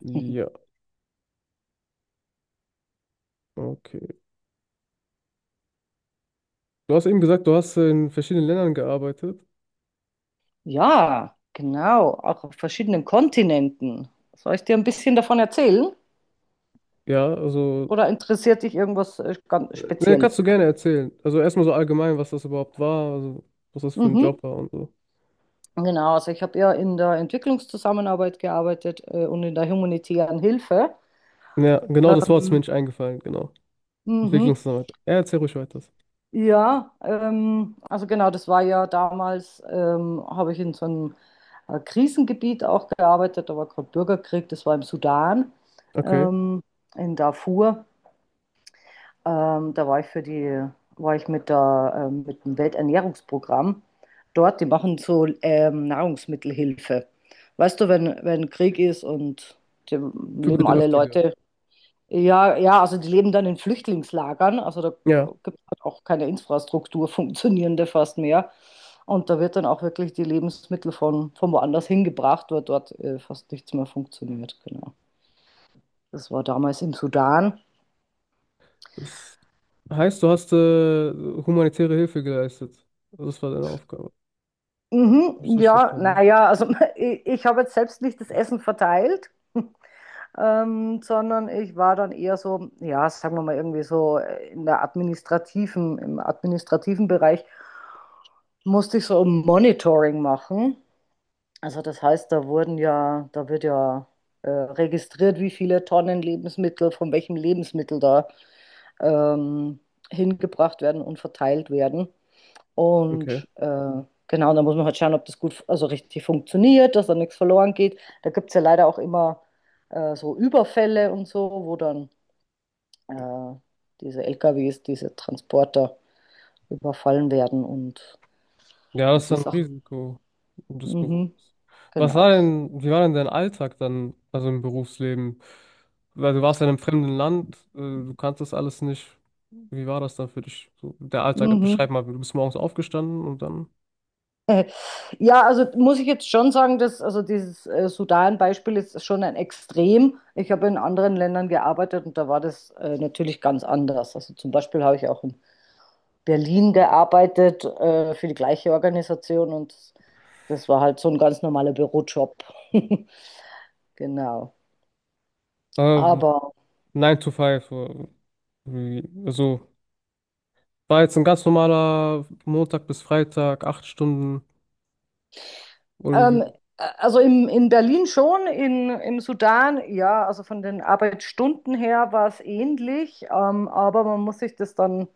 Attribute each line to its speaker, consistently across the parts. Speaker 1: Ja, okay. Du hast eben gesagt, du hast in verschiedenen Ländern gearbeitet.
Speaker 2: Ja, genau, auch auf verschiedenen Kontinenten. Soll ich dir ein bisschen davon erzählen?
Speaker 1: Ja, also,
Speaker 2: Oder interessiert dich irgendwas ganz
Speaker 1: ne,
Speaker 2: speziell?
Speaker 1: kannst du gerne erzählen. Also erstmal so allgemein, was das überhaupt war, also was das für ein
Speaker 2: Mhm.
Speaker 1: Job war und so.
Speaker 2: Genau, also ich habe ja in der Entwicklungszusammenarbeit gearbeitet und in der humanitären Hilfe.
Speaker 1: Ja, genau das Wort ist mir
Speaker 2: Ähm,
Speaker 1: nicht eingefallen, genau.
Speaker 2: mhm.
Speaker 1: Entwicklungsarbeit. Ja, erzähl ruhig weiter.
Speaker 2: Ja, also genau, das war ja damals, habe ich in so einem Krisengebiet auch gearbeitet. Da war gerade Bürgerkrieg, das war im Sudan,
Speaker 1: Okay.
Speaker 2: ähm, in Darfur. Da war ich für die, war ich mit dem Welternährungsprogramm dort. Die machen so Nahrungsmittelhilfe. Weißt du, wenn Krieg ist und die
Speaker 1: Für
Speaker 2: leben alle
Speaker 1: Bedürftige.
Speaker 2: Leute, ja, ja, also die leben dann in Flüchtlingslagern. Also da
Speaker 1: Ja.
Speaker 2: gibt es halt auch keine Infrastruktur, funktionierende fast mehr. Und da wird dann auch wirklich die Lebensmittel von woanders hingebracht, weil dort fast nichts mehr funktioniert. Genau. Das war damals im Sudan.
Speaker 1: Das heißt, du hast humanitäre Hilfe geleistet. Das war deine Aufgabe. Hab ich das
Speaker 2: Mhm,
Speaker 1: richtig
Speaker 2: ja,
Speaker 1: verstanden?
Speaker 2: naja, also ich habe jetzt selbst nicht das Essen verteilt, sondern ich war dann eher so, ja, sagen wir mal irgendwie so in der administrativen Bereich musste ich so ein Monitoring machen. Also das heißt, da wird ja registriert, wie viele Tonnen Lebensmittel von welchem Lebensmittel da ähm, hingebracht werden und verteilt werden.
Speaker 1: Okay.
Speaker 2: Und genau, da muss man halt schauen, ob das gut, also richtig funktioniert, dass da nichts verloren geht. Da gibt es ja leider auch immer so Überfälle und so, wo dann äh, diese LKWs, diese Transporter überfallen werden
Speaker 1: Ja, das
Speaker 2: und
Speaker 1: ist
Speaker 2: die
Speaker 1: ein
Speaker 2: Sachen.
Speaker 1: Risiko des Berufs.
Speaker 2: Mhm,
Speaker 1: Was
Speaker 2: genau.
Speaker 1: war denn, wie war denn dein Alltag dann, also im Berufsleben? Weil du warst ja in einem fremden Land, du kanntest alles nicht. Wie war das dann für dich? So, der Alltag,
Speaker 2: Mhm.
Speaker 1: beschreib mal, du bist morgens aufgestanden und dann
Speaker 2: Äh, Ja, also muss ich jetzt schon sagen, dass also dieses Sudan-Beispiel ist schon ein Extrem. Ich habe in anderen Ländern gearbeitet und da war das natürlich ganz anders. Also zum Beispiel habe ich auch in Berlin gearbeitet für die gleiche Organisation und das war halt so ein ganz normaler Bürojob. Genau.
Speaker 1: äh,
Speaker 2: Aber
Speaker 1: 9 to five. Wie, also war jetzt ein ganz normaler Montag bis Freitag, acht Stunden. Oder
Speaker 2: ähm,
Speaker 1: wie,
Speaker 2: also in Berlin schon, im Sudan, ja, also von den Arbeitsstunden her war es ähnlich, aber man muss sich das dann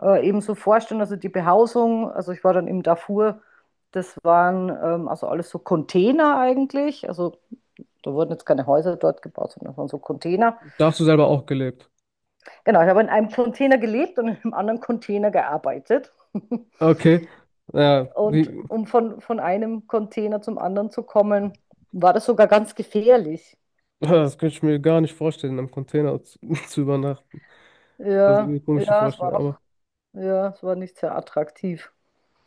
Speaker 2: eben so vorstellen, also die Behausung, also ich war dann im Darfur, das waren also alles so Container eigentlich, also da wurden jetzt keine Häuser dort gebaut, sondern das waren so Container.
Speaker 1: da hast du selber auch gelebt?
Speaker 2: Genau, ich habe in einem Container gelebt und in einem anderen Container gearbeitet.
Speaker 1: Okay. Ja,
Speaker 2: Und
Speaker 1: wie,
Speaker 2: um von einem Container zum anderen zu kommen, war das sogar ganz gefährlich.
Speaker 1: das könnte ich mir gar nicht vorstellen, im Container zu, zu übernachten. Das ist irgendwie
Speaker 2: Ja,
Speaker 1: eine komische
Speaker 2: ja, es
Speaker 1: Vorstellung,
Speaker 2: war auch,
Speaker 1: aber
Speaker 2: ja, es war nicht sehr attraktiv.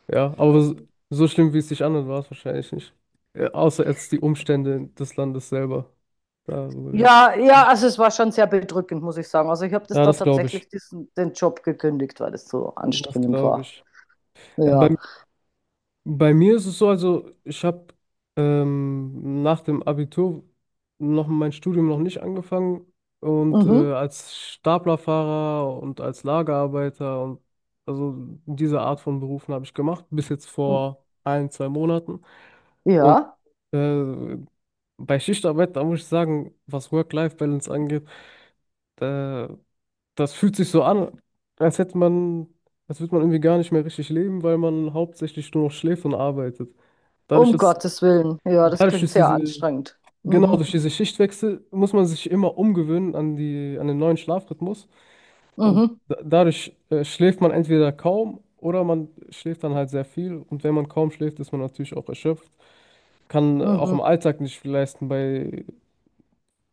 Speaker 1: ja, aber so, so schlimm, wie es sich anhört, war es wahrscheinlich nicht. Außer jetzt die Umstände des Landes selber. Darüber rede ich.
Speaker 2: Ja, ja, also es war schon sehr bedrückend, muss ich sagen. Also ich habe das
Speaker 1: Ja,
Speaker 2: dann
Speaker 1: das glaube ich.
Speaker 2: tatsächlich den Job gekündigt, weil es so
Speaker 1: Das
Speaker 2: anstrengend
Speaker 1: glaube
Speaker 2: war.
Speaker 1: ich. Ja,
Speaker 2: Ja.
Speaker 1: bei, bei mir ist es so, also ich habe nach dem Abitur noch mein Studium noch nicht angefangen und
Speaker 2: Mhm.
Speaker 1: als Staplerfahrer und als Lagerarbeiter und also diese Art von Berufen habe ich gemacht, bis jetzt vor ein, zwei Monaten. Und
Speaker 2: Ja,
Speaker 1: äh, bei Schichtarbeit, da muss ich sagen, was Work-Life-Balance angeht, da, das fühlt sich so an, als hätte man, als würde man irgendwie gar nicht mehr richtig leben, weil man hauptsächlich nur noch schläft und arbeitet. Dadurch,
Speaker 2: um
Speaker 1: dass,
Speaker 2: Gottes Willen. Ja, das
Speaker 1: dadurch,
Speaker 2: klingt
Speaker 1: dass
Speaker 2: sehr
Speaker 1: diese,
Speaker 2: anstrengend.
Speaker 1: genau
Speaker 2: Mhm.
Speaker 1: durch diese Schichtwechsel muss man sich immer umgewöhnen an die, an den neuen Schlafrhythmus. Und
Speaker 2: Mhm.
Speaker 1: da, dadurch schläft man entweder kaum oder man schläft dann halt sehr viel. Und wenn man kaum schläft, ist man natürlich auch erschöpft, kann auch
Speaker 2: Mhm.
Speaker 1: im Alltag nicht viel leisten bei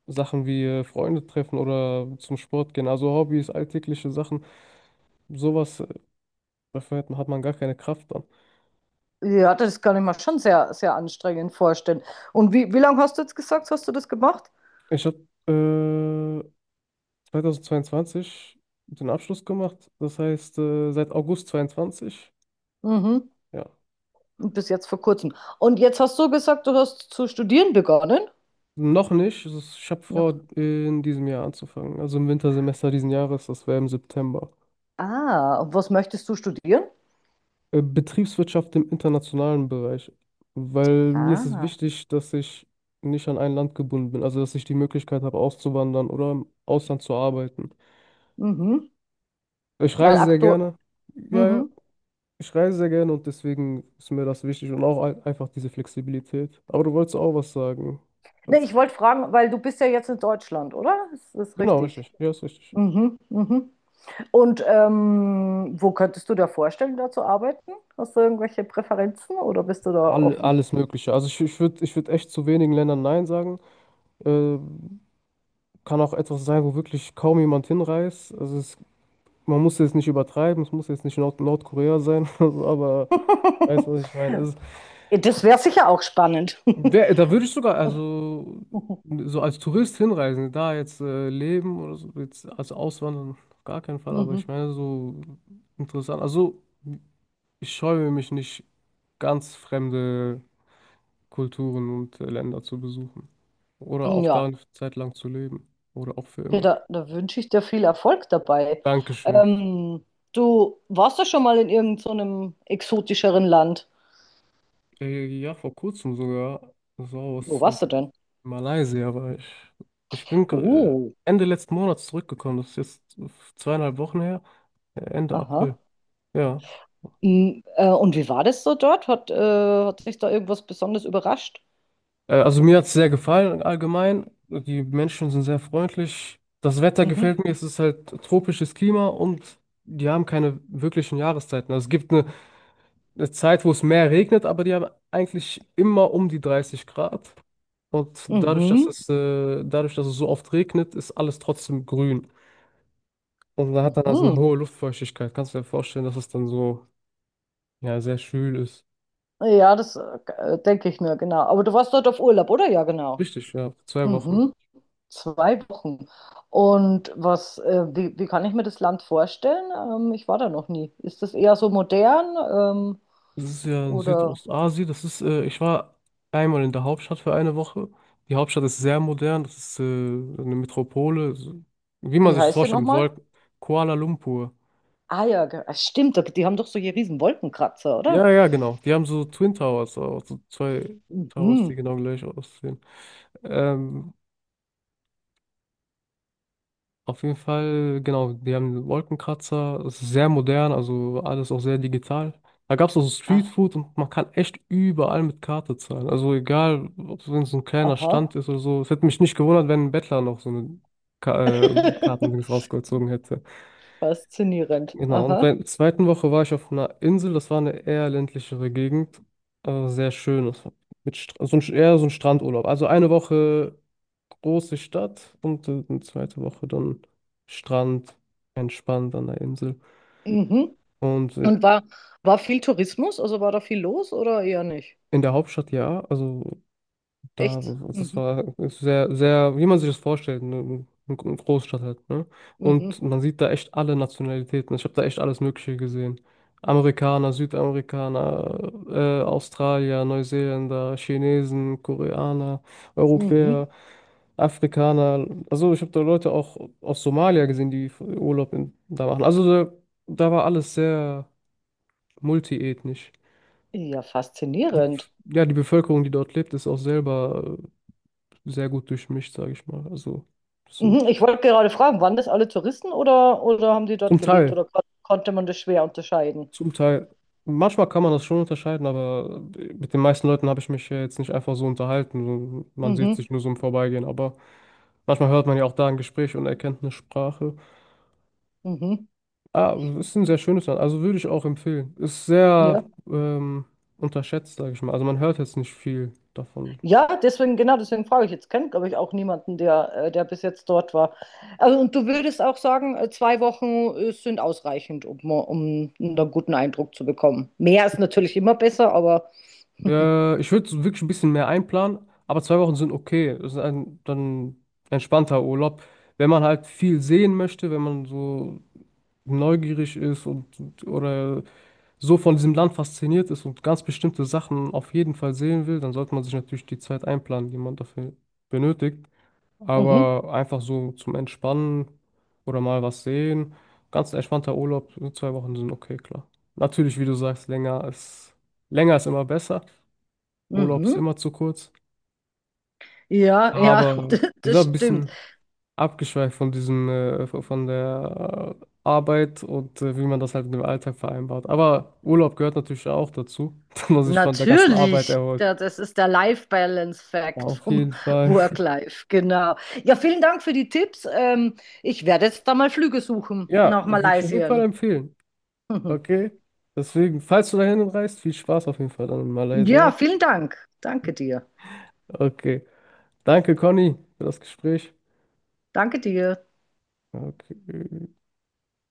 Speaker 1: Sachen wie Freunde treffen oder zum Sport gehen, also Hobbys, alltägliche Sachen, sowas, dafür hat man gar keine Kraft dann.
Speaker 2: Ja, das kann ich mir schon sehr, sehr anstrengend vorstellen. Und wie lange hast du jetzt gesagt, hast du das gemacht?
Speaker 1: Ich habe äh, 2022 den Abschluss gemacht, das heißt seit August 22,
Speaker 2: Mhm.
Speaker 1: ja,
Speaker 2: Und bis jetzt vor kurzem. Und jetzt hast du gesagt, du hast zu studieren begonnen?
Speaker 1: noch nicht, es ist- ich habe
Speaker 2: Noch.
Speaker 1: vor, in diesem Jahr anzufangen, also im Wintersemester diesen Jahres, das wäre im September.
Speaker 2: Ah, und was möchtest du studieren?
Speaker 1: Betriebswirtschaft im internationalen Bereich, weil mir ist es
Speaker 2: Ah,
Speaker 1: wichtig, dass ich nicht an ein Land gebunden bin, also dass ich die Möglichkeit habe, auszuwandern oder im Ausland zu arbeiten.
Speaker 2: mhm.
Speaker 1: Ich
Speaker 2: Weil
Speaker 1: reise sehr
Speaker 2: aktu.
Speaker 1: gerne. Ja, ja,
Speaker 2: Mhm.
Speaker 1: ich reise sehr gerne und deswegen ist mir das wichtig und auch ein- einfach diese Flexibilität. Aber du wolltest auch was sagen.
Speaker 2: Nee,
Speaker 1: Das-
Speaker 2: ich wollte fragen, weil du bist ja jetzt in Deutschland, oder? Ist das
Speaker 1: Genau,
Speaker 2: richtig?
Speaker 1: richtig. Ja, ist richtig.
Speaker 2: Mhm, mhm. Und wo könntest du dir vorstellen, da zu arbeiten? Hast du irgendwelche Präferenzen oder bist du da
Speaker 1: All,
Speaker 2: offen?
Speaker 1: alles Mögliche. Also ich würde ich würd echt zu wenigen Ländern Nein sagen. Äh, kann auch etwas sein, wo wirklich kaum jemand hinreist. Also es man muss jetzt nicht übertreiben, es muss jetzt nicht Nord Nordkorea sein, also, aber weißt du, was ich meine? Also,
Speaker 2: Das wäre sicher auch spannend.
Speaker 1: wär, da würde ich sogar, also so als Tourist hinreisen, da jetzt leben oder so, jetzt als Auswandern, auf gar keinen Fall, aber ich
Speaker 2: Mhm.
Speaker 1: meine, so interessant. Also, ich scheue mich nicht, ganz fremde Kulturen und Länder zu besuchen. Oder auch
Speaker 2: Ja,
Speaker 1: da eine Zeit lang zu leben. Oder auch für
Speaker 2: ja,
Speaker 1: immer.
Speaker 2: da wünsche ich dir viel Erfolg dabei.
Speaker 1: Dankeschön.
Speaker 2: Ähm, du warst doch schon mal in irgendeinem so einem exotischeren Land.
Speaker 1: Ja, vor kurzem sogar. So
Speaker 2: Wo
Speaker 1: was.
Speaker 2: warst du
Speaker 1: Also,
Speaker 2: denn?
Speaker 1: Malaysia war ich. Ich bin
Speaker 2: Oh,
Speaker 1: Ende letzten Monats zurückgekommen. Das ist jetzt zweieinhalb Wochen her. Ende April.
Speaker 2: aha.
Speaker 1: Ja.
Speaker 2: Mm, und wie war das so dort? Hat, hat sich da irgendwas Besonderes überrascht?
Speaker 1: Also mir hat es sehr gefallen allgemein. Die Menschen sind sehr freundlich. Das Wetter
Speaker 2: Mhm.
Speaker 1: gefällt mir. Es ist halt tropisches Klima und die haben keine wirklichen Jahreszeiten. Also es gibt eine Zeit, wo es mehr regnet, aber die haben eigentlich immer um die 30 Grad. Und
Speaker 2: Mhm.
Speaker 1: dadurch, dass es so oft regnet, ist alles trotzdem grün. Und da hat dann also eine
Speaker 2: Mhm.
Speaker 1: hohe Luftfeuchtigkeit. Kannst du dir vorstellen, dass es dann so, ja, sehr schwül ist.
Speaker 2: Ja, das denke ich mir, genau. Aber du warst dort auf Urlaub, oder? Ja, genau.
Speaker 1: Richtig, ja, für 2 Wochen.
Speaker 2: Mhm. Zwei Wochen. Und was, wie kann ich mir das Land vorstellen? Ich war da noch nie. Ist das eher so modern? Ähm,
Speaker 1: Das ist ja in
Speaker 2: oder
Speaker 1: Südostasien. Das ist, ich war einmal in der Hauptstadt für eine Woche. Die Hauptstadt ist sehr modern. Das ist, eine Metropole. So, wie man
Speaker 2: wie
Speaker 1: sich das
Speaker 2: heißt der
Speaker 1: vorstellt, mit
Speaker 2: nochmal?
Speaker 1: Wolken. Kuala Lumpur.
Speaker 2: Ah ja, ge- ah, stimmt, da- die haben doch solche riesen Wolkenkratzer, oder?
Speaker 1: Ja, ja, genau. Die haben so Twin Towers, auch, so zwei Towers, die
Speaker 2: Mhm.
Speaker 1: genau gleich aussehen. Ähm, Auf jeden Fall, genau, die haben einen Wolkenkratzer, es ist sehr modern, also alles auch sehr digital. Da gab es auch so
Speaker 2: Ah,
Speaker 1: Streetfood und man kann echt überall mit Karte zahlen. Also egal, ob es wenn es ein kleiner
Speaker 2: aha.
Speaker 1: Stand ist oder so. Es hätte mich nicht gewundert, wenn ein Bettler noch so eine Ka Kartendings rausgezogen hätte.
Speaker 2: Faszinierend.
Speaker 1: Genau, und bei
Speaker 2: Aha.
Speaker 1: der zweiten Woche war ich auf einer Insel, das war eine eher ländlichere Gegend, aber sehr schön. Das war mit Stra so ein, eher so ein Strandurlaub. Also eine Woche große Stadt und eine zweite Woche dann Strand, entspannt an der Insel.
Speaker 2: Mhm.
Speaker 1: Und
Speaker 2: Und war, war viel Tourismus? Also war da viel los oder eher nicht?
Speaker 1: in der Hauptstadt ja, also da,
Speaker 2: Echt?
Speaker 1: das
Speaker 2: Mhm.
Speaker 1: war sehr, sehr, wie man sich das vorstellt, eine Großstadt halt, ne?
Speaker 2: Mhm.
Speaker 1: Und man sieht da echt alle Nationalitäten. Ich habe da echt alles Mögliche gesehen. Amerikaner, Südamerikaner, Australier, Neuseeländer, Chinesen, Koreaner,
Speaker 2: Mhm.
Speaker 1: Europäer, Afrikaner. Also ich habe da Leute auch aus Somalia gesehen, die Urlaub in, da machen. Also da, da war alles sehr multiethnisch.
Speaker 2: Ja,
Speaker 1: Die,
Speaker 2: faszinierend.
Speaker 1: ja, die Bevölkerung, die dort lebt, ist auch selber sehr gut durchmischt, sage ich mal. Also zum,
Speaker 2: Mhm. Ich wollte gerade fragen, waren das alle Touristen oder haben die dort
Speaker 1: zum
Speaker 2: gelebt
Speaker 1: Teil,
Speaker 2: oder konnte man das schwer unterscheiden?
Speaker 1: zum Teil. Manchmal kann man das schon unterscheiden, aber mit den meisten Leuten habe ich mich ja jetzt nicht einfach so unterhalten. So, man sieht
Speaker 2: Mhm,
Speaker 1: sich nur so im Vorbeigehen, aber manchmal hört man ja auch da ein Gespräch und erkennt eine Sprache.
Speaker 2: mhm,
Speaker 1: Ah, das ist ein sehr schönes Land, also würde ich auch empfehlen. Ist
Speaker 2: ja.
Speaker 1: sehr unterschätzt, sage ich mal. Also man hört jetzt nicht viel davon.
Speaker 2: Ja, deswegen, genau, deswegen frage ich jetzt. Kennt, glaube ich, auch niemanden, der bis jetzt dort war. Also, und du würdest auch sagen, zwei Wochen sind ausreichend, um, um einen guten Eindruck zu bekommen. Mehr ist natürlich immer besser, aber
Speaker 1: Ich würde wirklich ein bisschen mehr einplanen, aber zwei Wochen sind okay. Das ist ein dann entspannter Urlaub. Wenn man halt viel sehen möchte, wenn man so neugierig ist und- oder so von diesem Land fasziniert ist und ganz bestimmte Sachen auf jeden Fall sehen will, dann sollte man sich natürlich die Zeit einplanen, die man dafür benötigt.
Speaker 2: mhm,
Speaker 1: Aber einfach so zum Entspannen oder mal was sehen, ganz entspannter Urlaub, so 2 Wochen sind okay, klar. Natürlich, wie du sagst, länger ist immer besser. Urlaub ist
Speaker 2: mhm.
Speaker 1: immer zu kurz.
Speaker 2: Ja, ja,
Speaker 1: Aber wir sind
Speaker 2: das
Speaker 1: auch ein
Speaker 2: stimmt.
Speaker 1: bisschen abgeschweift von diesem, von der Arbeit und wie man das halt mit dem Alltag vereinbart. Aber Urlaub gehört natürlich auch dazu, dass man sich von der ganzen Arbeit
Speaker 2: Natürlich,
Speaker 1: erholt.
Speaker 2: da- das ist der Life Balance Fact
Speaker 1: Auf jeden
Speaker 2: vom
Speaker 1: Fall.
Speaker 2: Work Life, genau. Ja, vielen Dank für die Tipps. Ich werde jetzt da mal Flüge suchen
Speaker 1: Ja,
Speaker 2: nach
Speaker 1: würde ich auf jeden Fall
Speaker 2: Malaysia.
Speaker 1: empfehlen. Okay. Deswegen, falls du dahin reist, viel Spaß auf jeden Fall dann in Malaysia.
Speaker 2: Ja, vielen Dank. Danke dir.
Speaker 1: Okay. Danke, Conny, für das Gespräch.
Speaker 2: Danke dir.
Speaker 1: Okay.